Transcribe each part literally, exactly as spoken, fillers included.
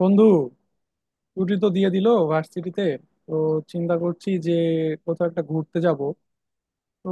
বন্ধু, ছুটি তো দিয়ে দিল ভার্সিটিতে। তো চিন্তা করছি যে কোথাও একটা ঘুরতে যাব। তো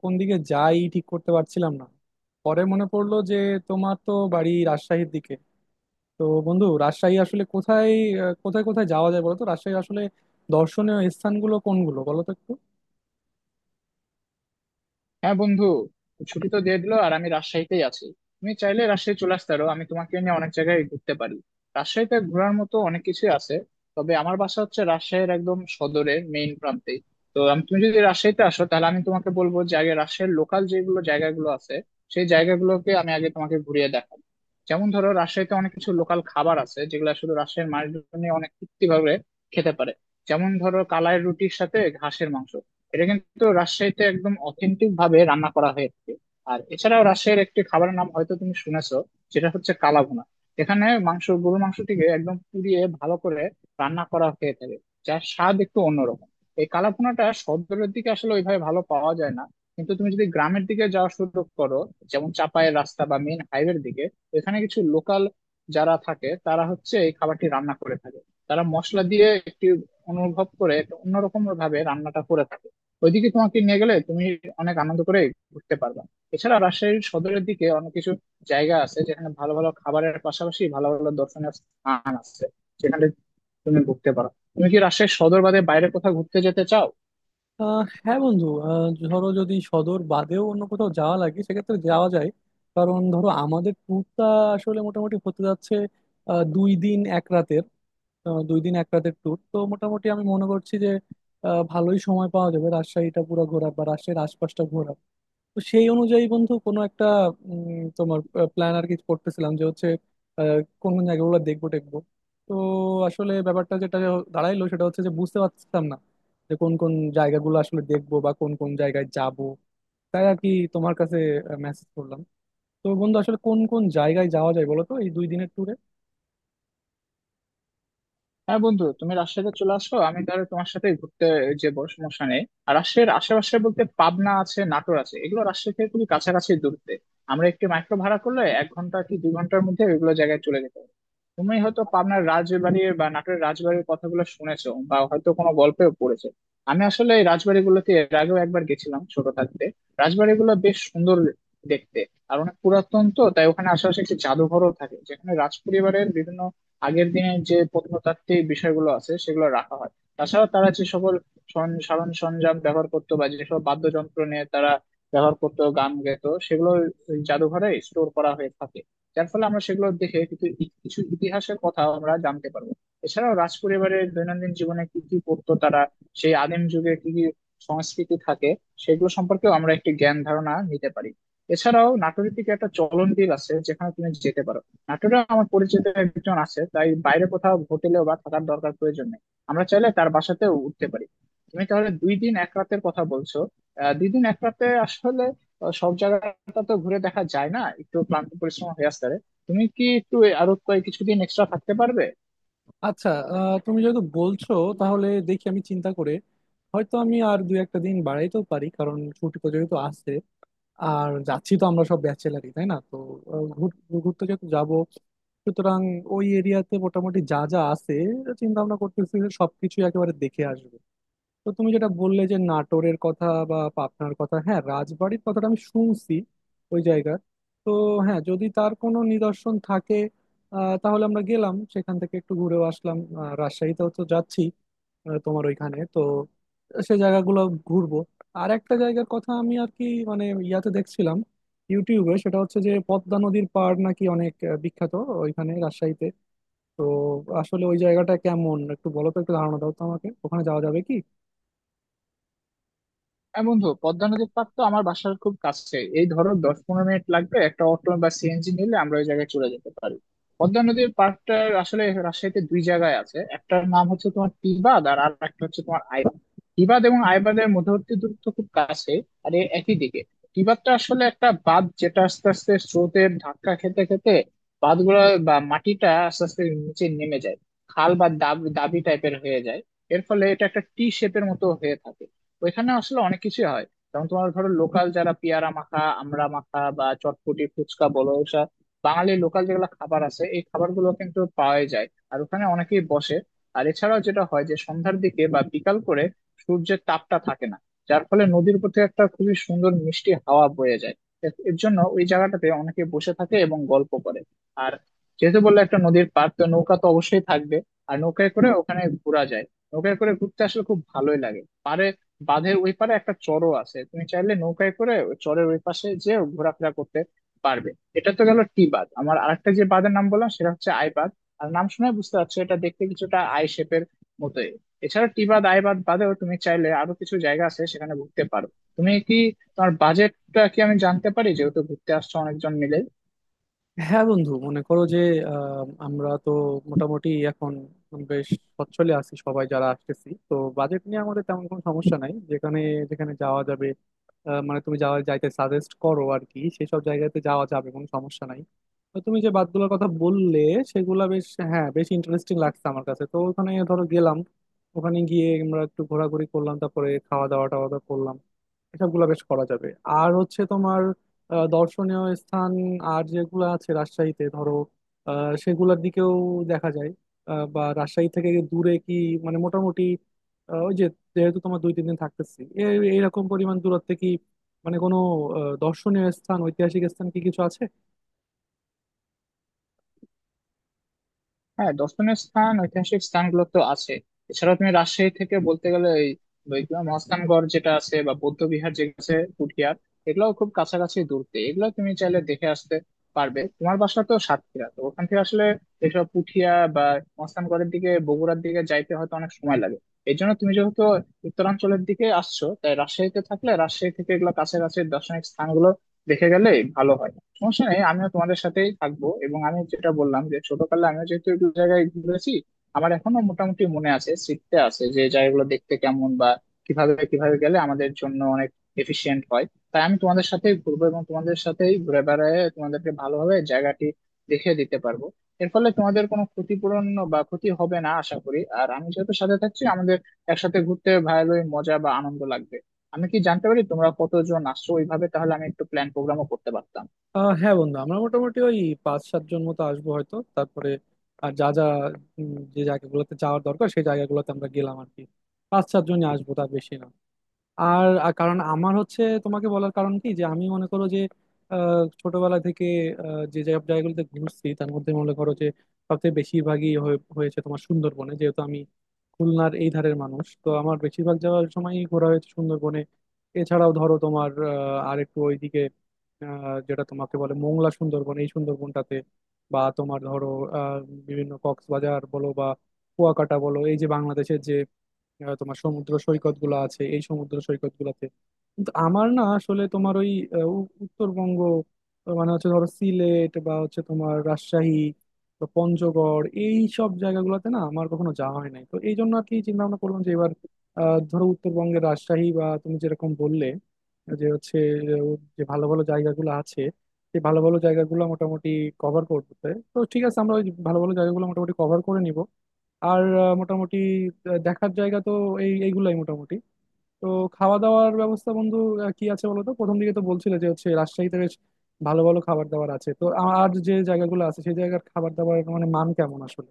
কোন দিকে যাই ঠিক করতে পারছিলাম না। পরে মনে পড়লো যে তোমার তো বাড়ি রাজশাহীর দিকে। তো বন্ধু, রাজশাহী আসলে কোথায়? আহ, কোথায় কোথায় যাওয়া যায় বলো তো রাজশাহীর আসলে? দর্শনীয় স্থানগুলো কোনগুলো বলো তো একটু। হ্যাঁ বন্ধু, ছুটি তো দিয়ে দিলো আর আমি রাজশাহীতেই আছি। তুমি চাইলে রাজশাহী চলে আসতে পারো, আমি তোমাকে নিয়ে অনেক জায়গায় ঘুরতে পারি। রাজশাহীতে ঘোরার মতো অনেক কিছুই আছে। তবে আমার বাসা হচ্ছে রাজশাহীর একদম সদরের মেইন প্রান্তে। তো আমি, তুমি যদি রাজশাহীতে আসো তাহলে আমি তোমাকে বলবো যে আগে রাজশাহীর লোকাল যেগুলো জায়গাগুলো আছে, সেই জায়গাগুলোকে আমি আগে তোমাকে ঘুরিয়ে দেখাবো। যেমন ধরো, রাজশাহীতে অনেক কিছু লোকাল খাবার আছে যেগুলো শুধু রাজশাহীর মানুষজন অনেক তৃপ্তি ভাবে খেতে পারে। যেমন ধরো, কালাই রুটির সাথে ঘাসের মাংস। এটা কিন্তু রাজশাহীতে একদম অথেন্টিক ভাবে রান্না করা হয়েছে। আর এছাড়াও রাজশাহীর একটি খাবারের নাম হয়তো তুমি শুনেছো, সেটা হচ্ছে কালাভুনা। এখানে মাংস, গরুর মাংসটিকে একদম পুড়িয়ে ভালো করে রান্না করা হয়ে থাকে, যার স্বাদ একটু অন্যরকম। এই কালাভুনাটা শহরের দিকে আসলে ওইভাবে ভালো পাওয়া যায় না, কিন্তু তুমি যদি গ্রামের দিকে যাওয়া শুরু করো, যেমন চাপায়ের রাস্তা বা মেইন হাইওয়ের দিকে, এখানে কিছু লোকাল যারা থাকে তারা হচ্ছে এই খাবারটি রান্না করে থাকে। তারা মশলা দিয়ে একটি অনুভব করে একটা অন্যরকম ভাবে রান্নাটা করে থাকে। ওইদিকে তোমাকে নিয়ে গেলে তুমি অনেক আনন্দ করে ঘুরতে পারবে। এছাড়া রাজশাহীর সদরের দিকে অনেক কিছু জায়গা আছে যেখানে ভালো ভালো খাবারের পাশাপাশি ভালো ভালো দর্শনীয় স্থান আছে, যেখানে তুমি ঘুরতে পারো। তুমি কি রাজশাহীর সদর বাদে বাইরে কোথাও ঘুরতে যেতে চাও? আহ হ্যাঁ বন্ধু, আহ, ধরো যদি সদর বাদেও অন্য কোথাও যাওয়া লাগে সেক্ষেত্রে যাওয়া যায়। কারণ ধরো আমাদের ট্যুরটা আসলে মোটামুটি হতে যাচ্ছে আহ, দুই দিন এক রাতের। আহ, দুই দিন এক রাতের ট্যুর তো, মোটামুটি আমি মনে করছি যে আহ, ভালোই সময় পাওয়া যাবে রাজশাহীটা পুরো ঘোরার বা রাজশাহীর আশপাশটা ঘোরার। তো সেই অনুযায়ী বন্ধু কোনো একটা, উম, তোমার প্ল্যান আর কি করতেছিলাম, যে হচ্ছে আহ, কোন কোন জায়গাগুলো দেখবো টেকবো। তো আসলে ব্যাপারটা যেটা দাঁড়াইলো সেটা হচ্ছে যে বুঝতে পারছিলাম না যে কোন কোন জায়গাগুলো আসলে দেখবো বা কোন কোন জায়গায় যাবো, তাই আর কি তোমার কাছে মেসেজ করলাম। তো বন্ধু, আসলে কোন কোন জায়গায় যাওয়া যায় বলো তো এই দুই দিনের? হ্যাঁ বন্ধু, তুমি রাজশাহীতে চলে আসো, আমি তাহলে তোমার সাথে ঘুরতে যে বড় সমস্যা নেই। আর রাজশাহীর আশেপাশে বলতে পাবনা আছে, নাটোর আছে, এগুলো রাজশাহী থেকে খুবই কাছাকাছি দূরত্বে। আমরা একটি মাইক্রো ভাড়া করলে এক ঘন্টা কি দুই ঘন্টার মধ্যে এগুলো জায়গায় চলে যেতে হবে। তুমি হয়তো পাবনার রাজবাড়ির বা নাটোরের রাজবাড়ির কথাগুলো শুনেছো বা হয়তো কোনো গল্পেও পড়েছো। আমি আসলে এই রাজবাড়িগুলোতে এর আগেও একবার গেছিলাম ছোট থাকতে। রাজবাড়িগুলো বেশ সুন্দর দেখতে। আর অনেক পুরাতন, তো তাই ওখানে আশেপাশে একটি জাদুঘরও থাকে যেখানে রাজপরিবারের বিভিন্ন আগের দিনের যে প্রত্নতাত্ত্বিক বিষয়গুলো আছে সেগুলো রাখা হয়। তাছাড়া তারা যে সকল সন- সাধারণ সরঞ্জাম ব্যবহার করতো বা যেসব বাদ্যযন্ত্র নিয়ে তারা ব্যবহার করতো, গান গেতো, সেগুলো ওই জাদুঘরে স্টোর করা হয়ে থাকে। যার ফলে আমরা সেগুলো দেখে কিছু ই- কিছু ইতিহাসের কথা আমরা জানতে পারবো। এছাড়াও রাজপরিবারের দৈনন্দিন জীবনে কি কি করতো তারা, সেই আদিম যুগে কি কি সংস্কৃতি থাকে, সেগুলো সম্পর্কেও আমরা একটি জ্ঞান ধারণা নিতে পারি। এছাড়াও নাটোরের দিকে একটা চলন বিল আছে যেখানে তুমি যেতে পারো। নাটোরে আমার পরিচিত একজন আছে, তাই বাইরে কোথাও হোটেলে বা থাকার দরকার প্রয়োজন নেই, আমরা চাইলে তার বাসাতেও উঠতে পারি। তুমি তাহলে দুই দিন এক রাতের কথা বলছো। আহ, দুই দিন এক রাতে আসলে আহ, সব জায়গাটা তো ঘুরে দেখা যায় না, একটু ক্লান্ত পরিশ্রম হয়ে আসতে পারে। তুমি কি একটু আরো কয়েক কিছুদিন এক্সট্রা থাকতে পারবে? আচ্ছা, আহ, তুমি যেহেতু বলছো তাহলে দেখি আমি চিন্তা করে, হয়তো আমি আর দুই একটা দিন বাড়াইতেও পারি, কারণ ছুটি তো যেহেতু আছে। আর যাচ্ছি তো আমরা সব ব্যাচেলারই, তাই না? তো আহ, ঘুর- ঘুরতে যেহেতু যাবো, সুতরাং ওই এরিয়াতে মোটামুটি যা যা আছে, চিন্তা ভাবনা করতেছি যে সবকিছু একেবারে দেখে আসবো। তো তুমি যেটা বললে যে নাটোরের কথা বা পাবনার কথা, হ্যাঁ রাজবাড়ির কথাটা আমি শুনছি ওই জায়গার। তো হ্যাঁ, যদি তার কোনো নিদর্শন থাকে আহ, তাহলে আমরা গেলাম সেখান থেকে একটু ঘুরেও আসলাম। আহ, রাজশাহীতেও তো যাচ্ছি, আহ, তোমার ওইখানে, তো সে জায়গাগুলো ঘুরবো। আর একটা জায়গার কথা আমি আর কি মানে ইয়াতে দেখছিলাম, ইউটিউবে, সেটা হচ্ছে যে পদ্মা নদীর পাড় নাকি অনেক আহ, বিখ্যাত ওইখানে রাজশাহীতে। তো আসলে ওই জায়গাটা কেমন একটু বলো তো, একটু ধারণা দাও তো আমাকে, ওখানে যাওয়া যাবে কি? হ্যাঁ বন্ধু, পদ্মা নদীর পাড় তো আমার বাসার খুব কাছে, এই ধরো দশ পনেরো মিনিট লাগবে একটা অটো বা সিএনজি নিলে, আমরা ওই জায়গায় চলে যেতে পারি। পদ্মা নদীর পাড়টা আসলে রাজশাহীতে দুই জায়গায় আছে। একটার নাম হচ্ছে তোমার টিবাদ আর আর একটা হচ্ছে তোমার আইবাদ। টিবাদ এবং আইবাদের মধ্যবর্তী দূরত্ব খুব কাছে আর এ একই দিকে। টিবাদটা আসলে একটা বাঁধ, যেটা আস্তে আস্তে স্রোতের ধাক্কা খেতে খেতে বাঁধগুলো বা মাটিটা আস্তে আস্তে নিচে নেমে যায়, খাল বা দাবি দাবি টাইপের হয়ে যায়। এর ফলে এটা একটা টি শেপের মতো হয়ে থাকে। ওইখানে আসলে অনেক কিছুই হয়। যেমন তোমার ধরো, লোকাল যারা পেয়ারা মাখা, আমড়া মাখা বা চটপটি ফুচকা বলো, ওসব বাঙালি লোকাল যেগুলো খাবার আছে এই খাবারগুলো কিন্তু পাওয়াই যায়, আর ওখানে অনেকেই বসে। আর এছাড়াও যেটা হয় যে সন্ধ্যার দিকে বা বিকাল করে সূর্যের তাপটা থাকে না, যার ফলে নদীর প্রতি একটা খুবই সুন্দর মিষ্টি হাওয়া বয়ে যায়। এর এর জন্য ওই জায়গাটাতে অনেকে বসে থাকে এবং গল্প করে। আর যেহেতু বললে একটা নদীর পার, তো নৌকা তো অবশ্যই থাকবে। আর নৌকায় করে ওখানে ঘোরা যায়, নৌকায় করে ঘুরতে আসলে খুব ভালোই লাগে পারে। বাঁধের ওই পারে একটা চরও আছে, তুমি চাইলে নৌকায় করে ওই চরের ওই পাশে যে ঘোরাফেরা করতে পারবে। এটা তো গেল টি বাঁধ। আমার আরেকটা যে বাঁধের নাম বললাম সেটা হচ্ছে আই বাঁধ। আর নাম শুনে বুঝতে পারছো, এটা দেখতে কিছুটা আই শেপের মতোই। এছাড়া টি বাঁধ, আই বাঁধ বাদেও তুমি চাইলে আরো কিছু জায়গা আছে সেখানে ঘুরতে পারো। তুমি কি, তোমার বাজেটটা কি আমি জানতে পারি, যেহেতু ঘুরতে আসছো অনেকজন মিলে? হ্যাঁ বন্ধু, মনে করো যে আহ, আমরা তো মোটামুটি এখন বেশ সচ্ছলে আছি সবাই যারা আসতেছি, তো বাজেট নিয়ে আমাদের তেমন কোনো সমস্যা নাই। যেখানে যেখানে যাওয়া যাবে, আহ, মানে তুমি যাওয়া যাইতে সাজেস্ট করো আর কি, সেসব জায়গাতে যাওয়া যাবে কোনো সমস্যা নাই। তো তুমি যে বাতগুলোর কথা বললে সেগুলা বেশ, হ্যাঁ বেশ ইন্টারেস্টিং লাগছে আমার কাছে। তো ওখানে ধরো গেলাম, ওখানে গিয়ে আমরা একটু ঘোরাঘুরি করলাম, তারপরে খাওয়া দাওয়া টাওয়া দাওয়া করলাম, এসবগুলো বেশ করা যাবে। আর হচ্ছে তোমার আহ, দর্শনীয় স্থান আর যেগুলো আছে রাজশাহীতে, ধরো আহ, সেগুলোর দিকেও দেখা যায়। আহ, বা রাজশাহী থেকে দূরে কি মানে মোটামুটি আহ, ওই যে, যেহেতু তোমার দুই তিন দিন থাকতেছি, এ- এইরকম পরিমাণ দূরত্বে কি মানে কোনো আহ, দর্শনীয় স্থান ঐতিহাসিক স্থান কি কিছু আছে? হ্যাঁ, দর্শনীয় স্থান ঐতিহাসিক স্থানগুলো তো আছে। এছাড়াও তুমি রাজশাহী থেকে বলতে গেলে এই বৈকুণ্ঠ মহাস্থানগড় যেটা আছে বা বৌদ্ধ বিহার যে আছে পুঠিয়ার, এগুলো খুব কাছাকাছি দূরতে, এগুলো তুমি চাইলে দেখে আসতে পারবে। তোমার বাসা তো সাতক্ষীরা, তো ওখান থেকে আসলে এসব পুঠিয়া বা মহাস্থানগড়ের দিকে, বগুড়ার দিকে যাইতে হয়তো অনেক সময় লাগে। এই জন্য তুমি যেহেতু উত্তরাঞ্চলের দিকে আসছো, তাই রাজশাহীতে থাকলে রাজশাহী থেকে এগুলো কাছাকাছি দর্শনিক স্থানগুলো দেখে গেলে ভালো হয়। সমস্যা নেই, আমিও তোমাদের সাথেই থাকবো। এবং আমি যেটা বললাম যে ছোটকালে আমিও যেহেতু একটু জায়গায় ঘুরেছি, আমার এখনো মোটামুটি মনে আছে, স্মৃতিতে আছে যে জায়গাগুলো দেখতে কেমন বা কিভাবে কিভাবে গেলে আমাদের জন্য অনেক এফিশিয়েন্ট হয়। তাই আমি তোমাদের সাথেই ঘুরবো এবং তোমাদের সাথেই ঘুরে বেড়ায় তোমাদেরকে ভালোভাবে জায়গাটি দেখিয়ে দিতে পারবো। এর ফলে তোমাদের কোনো ক্ষতিপূরণ বা ক্ষতি হবে না আশা করি। আর আমি যেহেতু সাথে থাকছি, আমাদের একসাথে ঘুরতে ভালোই মজা বা আনন্দ লাগবে। আমি কি জানতে পারি তোমরা কতজন আসছো ওইভাবে, তাহলে আমি একটু প্ল্যান প্রোগ্রামও করতে পারতাম। আহ, হ্যাঁ বন্ধু, আমরা মোটামুটি ওই পাঁচ সাতজন মতো আসবো হয়তো। তারপরে আর যা যা উম, যে জায়গাগুলোতে যাওয়ার দরকার সেই জায়গাগুলোতে আমরা গেলাম আর কি। পাঁচ সাতজনই আসবো, তার বেশি না। আর আর কারণ আমার হচ্ছে তোমাকে বলার কারণ কি, যে আমি মনে করো যে আহ, ছোটবেলা থেকে আহ, যে যে জায়গাগুলোতে ঘুরছি তার মধ্যে, মনে করো যে সবচেয়ে বেশিরভাগই হয়ে- হয়েছে তোমার সুন্দরবনে, যেহেতু আমি খুলনার এই ধারের মানুষ। তো আমার বেশিরভাগ যাওয়ার সময়ই ঘোরা হয়েছে সুন্দরবনে। এছাড়াও ধরো তোমার আহ, আর একটু ওইদিকে আহ, যেটা তোমাকে বলে মোংলা সুন্দরবন, এই সুন্দরবনটাতে, বা তোমার ধরো আহ, বিভিন্ন কক্সবাজার বলো বা কুয়াকাটা বলো, এই যে বাংলাদেশের যে আহ, তোমার সমুদ্র সৈকত গুলো আছে এই সমুদ্র সৈকত গুলাতে, কিন্তু আমার না আসলে তোমার ওই আহ, উ- উত্তরবঙ্গ, আহ, মানে হচ্ছে ধরো সিলেট বা হচ্ছে তোমার রাজশাহী বা পঞ্চগড়, এই সব জায়গাগুলোতে না আমার কখনো যাওয়া হয় নাই। তো এই জন্য আর কি চিন্তা ভাবনা করলাম যে এবার আহ, ধরো উত্তরবঙ্গের রাজশাহী বা তুমি যেরকম বললে, যে হচ্ছে আহ, যে ভালো ভালো জায়গাগুলো আছে সেই ভালো ভালো জায়গাগুলো মোটামুটি কভার করতে। তো ঠিক আছে, আমরা ওই ভালো ভালো জায়গাগুলো মোটামুটি কভার করে নিব। আর আহ, মোটামুটি আহ, দেখার জায়গা তো এই এইগুলাই মোটামুটি। তো খাওয়া দাওয়ার ব্যবস্থা বন্ধু আহ, কি আছে বলো তো? প্রথম দিকে তো বলছিলে যে হচ্ছে রাজশাহীতে বেশ ভালো ভালো খাবার দাবার আছে। তো আ- আর যে জায়গাগুলো আছে সেই জায়গার খাবার দাবার, মানে মান কেমন আসলে?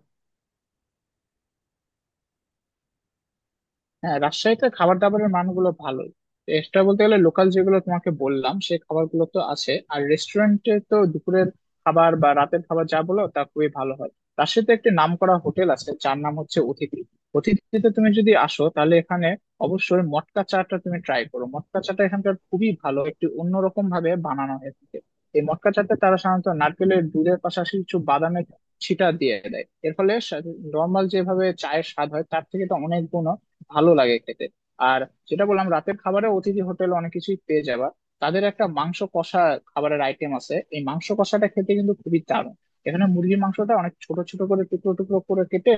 হ্যাঁ, রাজশাহীতে খাবার দাবারের মানগুলো ভালোই। এক্সট্রা বলতে গেলে লোকাল যেগুলো তোমাকে বললাম সেই খাবারগুলো তো আছে, আর রেস্টুরেন্টে তো দুপুরের খাবার বা রাতের খাবার যা বলো তা খুবই ভালো হয়। রাজশাহীতে একটি নামকরা হোটেল আছে যার নাম হচ্ছে অতিথি। অতিথিতে তুমি যদি আসো, তাহলে এখানে অবশ্যই মটকা চাটা তুমি ট্রাই করো। মটকা চাটা এখানকার খুবই ভালো, একটি অন্যরকম ভাবে বানানো হয়ে থাকে। এই মটকা চাতে তারা সাধারণত নারকেলের দুধের পাশাপাশি কিছু বাদামের ছিটা দিয়ে দেয়, এর ফলে নর্মাল যেভাবে চায়ের স্বাদ হয় তার থেকে তো অনেক গুণ ভালো লাগে খেতে। আর যেটা বললাম, রাতের খাবারে অতিথি হোটেল অনেক কিছুই পেয়ে যাবা। তাদের একটা মাংস কষা খাবারের আইটেম আছে, এই মাংস কষাটা খেতে কিন্তু খুবই দারুণ। এখানে মুরগির মাংসটা অনেক ছোট ছোট করে, টুকরো টুকরো করে কেটে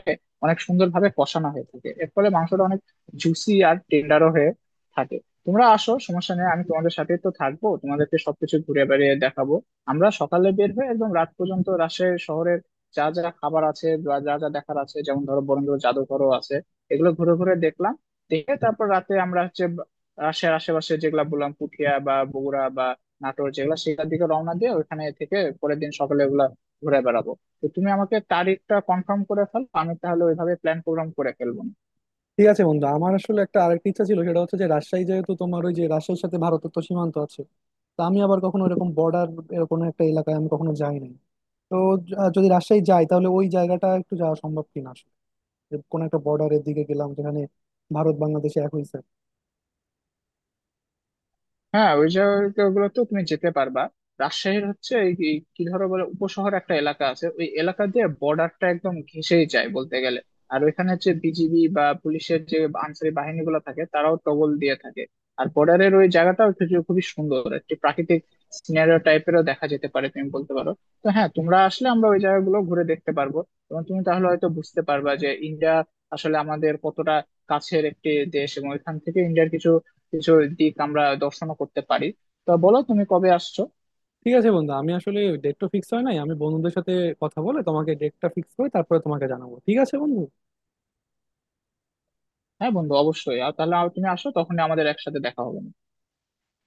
অনেক সুন্দরভাবে কষানো হয়ে থাকে। এর ফলে মাংসটা অনেক জুসি আর টেন্ডারও হয়ে থাকে। তোমরা আসো, সমস্যা নেই, আমি তোমাদের সাথে তো থাকবো, তোমাদেরকে সবকিছু ঘুরে বেড়িয়ে দেখাবো। আমরা সকালে বের হয়ে একদম রাত পর্যন্ত রাজশাহী শহরের যা যা খাবার আছে বা যা যা দেখার আছে, যেমন ধরো বরেন্দ্র জাদুঘরও আছে, এগুলো ঘুরে ঘুরে দেখলাম। দেখে তারপর রাতে আমরা হচ্ছে বা- রাজশাহীর আশেপাশে যেগুলা বললাম পুঠিয়া বা বগুড়া বা নাটোর যেগুলা, সেগুলোর দিকে রওনা দিয়ে ওখানে থেকে পরের দিন সকালে ওগুলা ঘুরে বেড়াবো। তো তুমি আমাকে তারিখটা কনফার্ম করে ফেলো, আমি তাহলে ওইভাবে প্ল্যান প্রোগ্রাম করে ফেলবো। ঠিক আছে বন্ধু, আমার আসলে একটা আরেকটা ইচ্ছা ছিল, সেটা হচ্ছে যে রাজশাহী যেহেতু, তোমার ওই যে রাজশাহীর সাথে ভারতের তো সীমান্ত আছে। তা আমি আবার কখনো এরকম বর্ডার, এরকম একটা এলাকায় আমি কখনো যাই নাই। তো য- আহ যদি রাজশাহী যাই তাহলে ওই জায়গাটা একটু যাওয়া সম্ভব কিনা আসলে, যে কোনো একটা বর্ডারের দিকে গেলাম যেখানে ভারত বাংলাদেশে এক হয়েছে। হ্যাঁ, ওই জায়গাগুলো তো তুমি যেতে পারবা। রাজশাহীর হচ্ছে এই এই কি ধরো, বলে উপশহর একটা এলাকা আছে, ওই এলাকা দিয়ে বর্ডারটা একদম ঘেঁষেই যায় বলতে গেলে। আর ওইখানে হচ্ছে বিজিবি বা পুলিশের যে আনসারি বাহিনীগুলো থাকে, তারাও টগল দিয়ে থাকে। আর বর্ডারের ওই জায়গাটাও কিছু খুবই সুন্দর একটি প্রাকৃতিক সিনারিও টাইপেরও দেখা যেতে পারে তুমি বলতে পারো। তো হ্যাঁ, তোমরা আসলে আমরা ওই জায়গাগুলো ঘুরে দেখতে পারবো এবং তুমি তাহলে হয়তো বুঝতে পারবা যে ইন্ডিয়া আসলে আমাদের কতটা কাছের একটি দেশ এবং এখান থেকে ইন্ডিয়ার কিছু কিছু দিক আমরা দর্শনও করতে পারি। তা বলো, তুমি কবে আসছো? ঠিক আছে বন্ধু, আমি আসলে ডেট তো ফিক্স হয় নাই। আমি বন্ধুদের সাথে কথা বলে তোমাকে ডেটটা ফিক্স করে তারপরে তোমাকে জানাবো, ঠিক আছে বন্ধু? হ্যাঁ বন্ধু, অবশ্যই। আর তাহলে আর তুমি আসো, তখন আমাদের একসাথে দেখা হবে।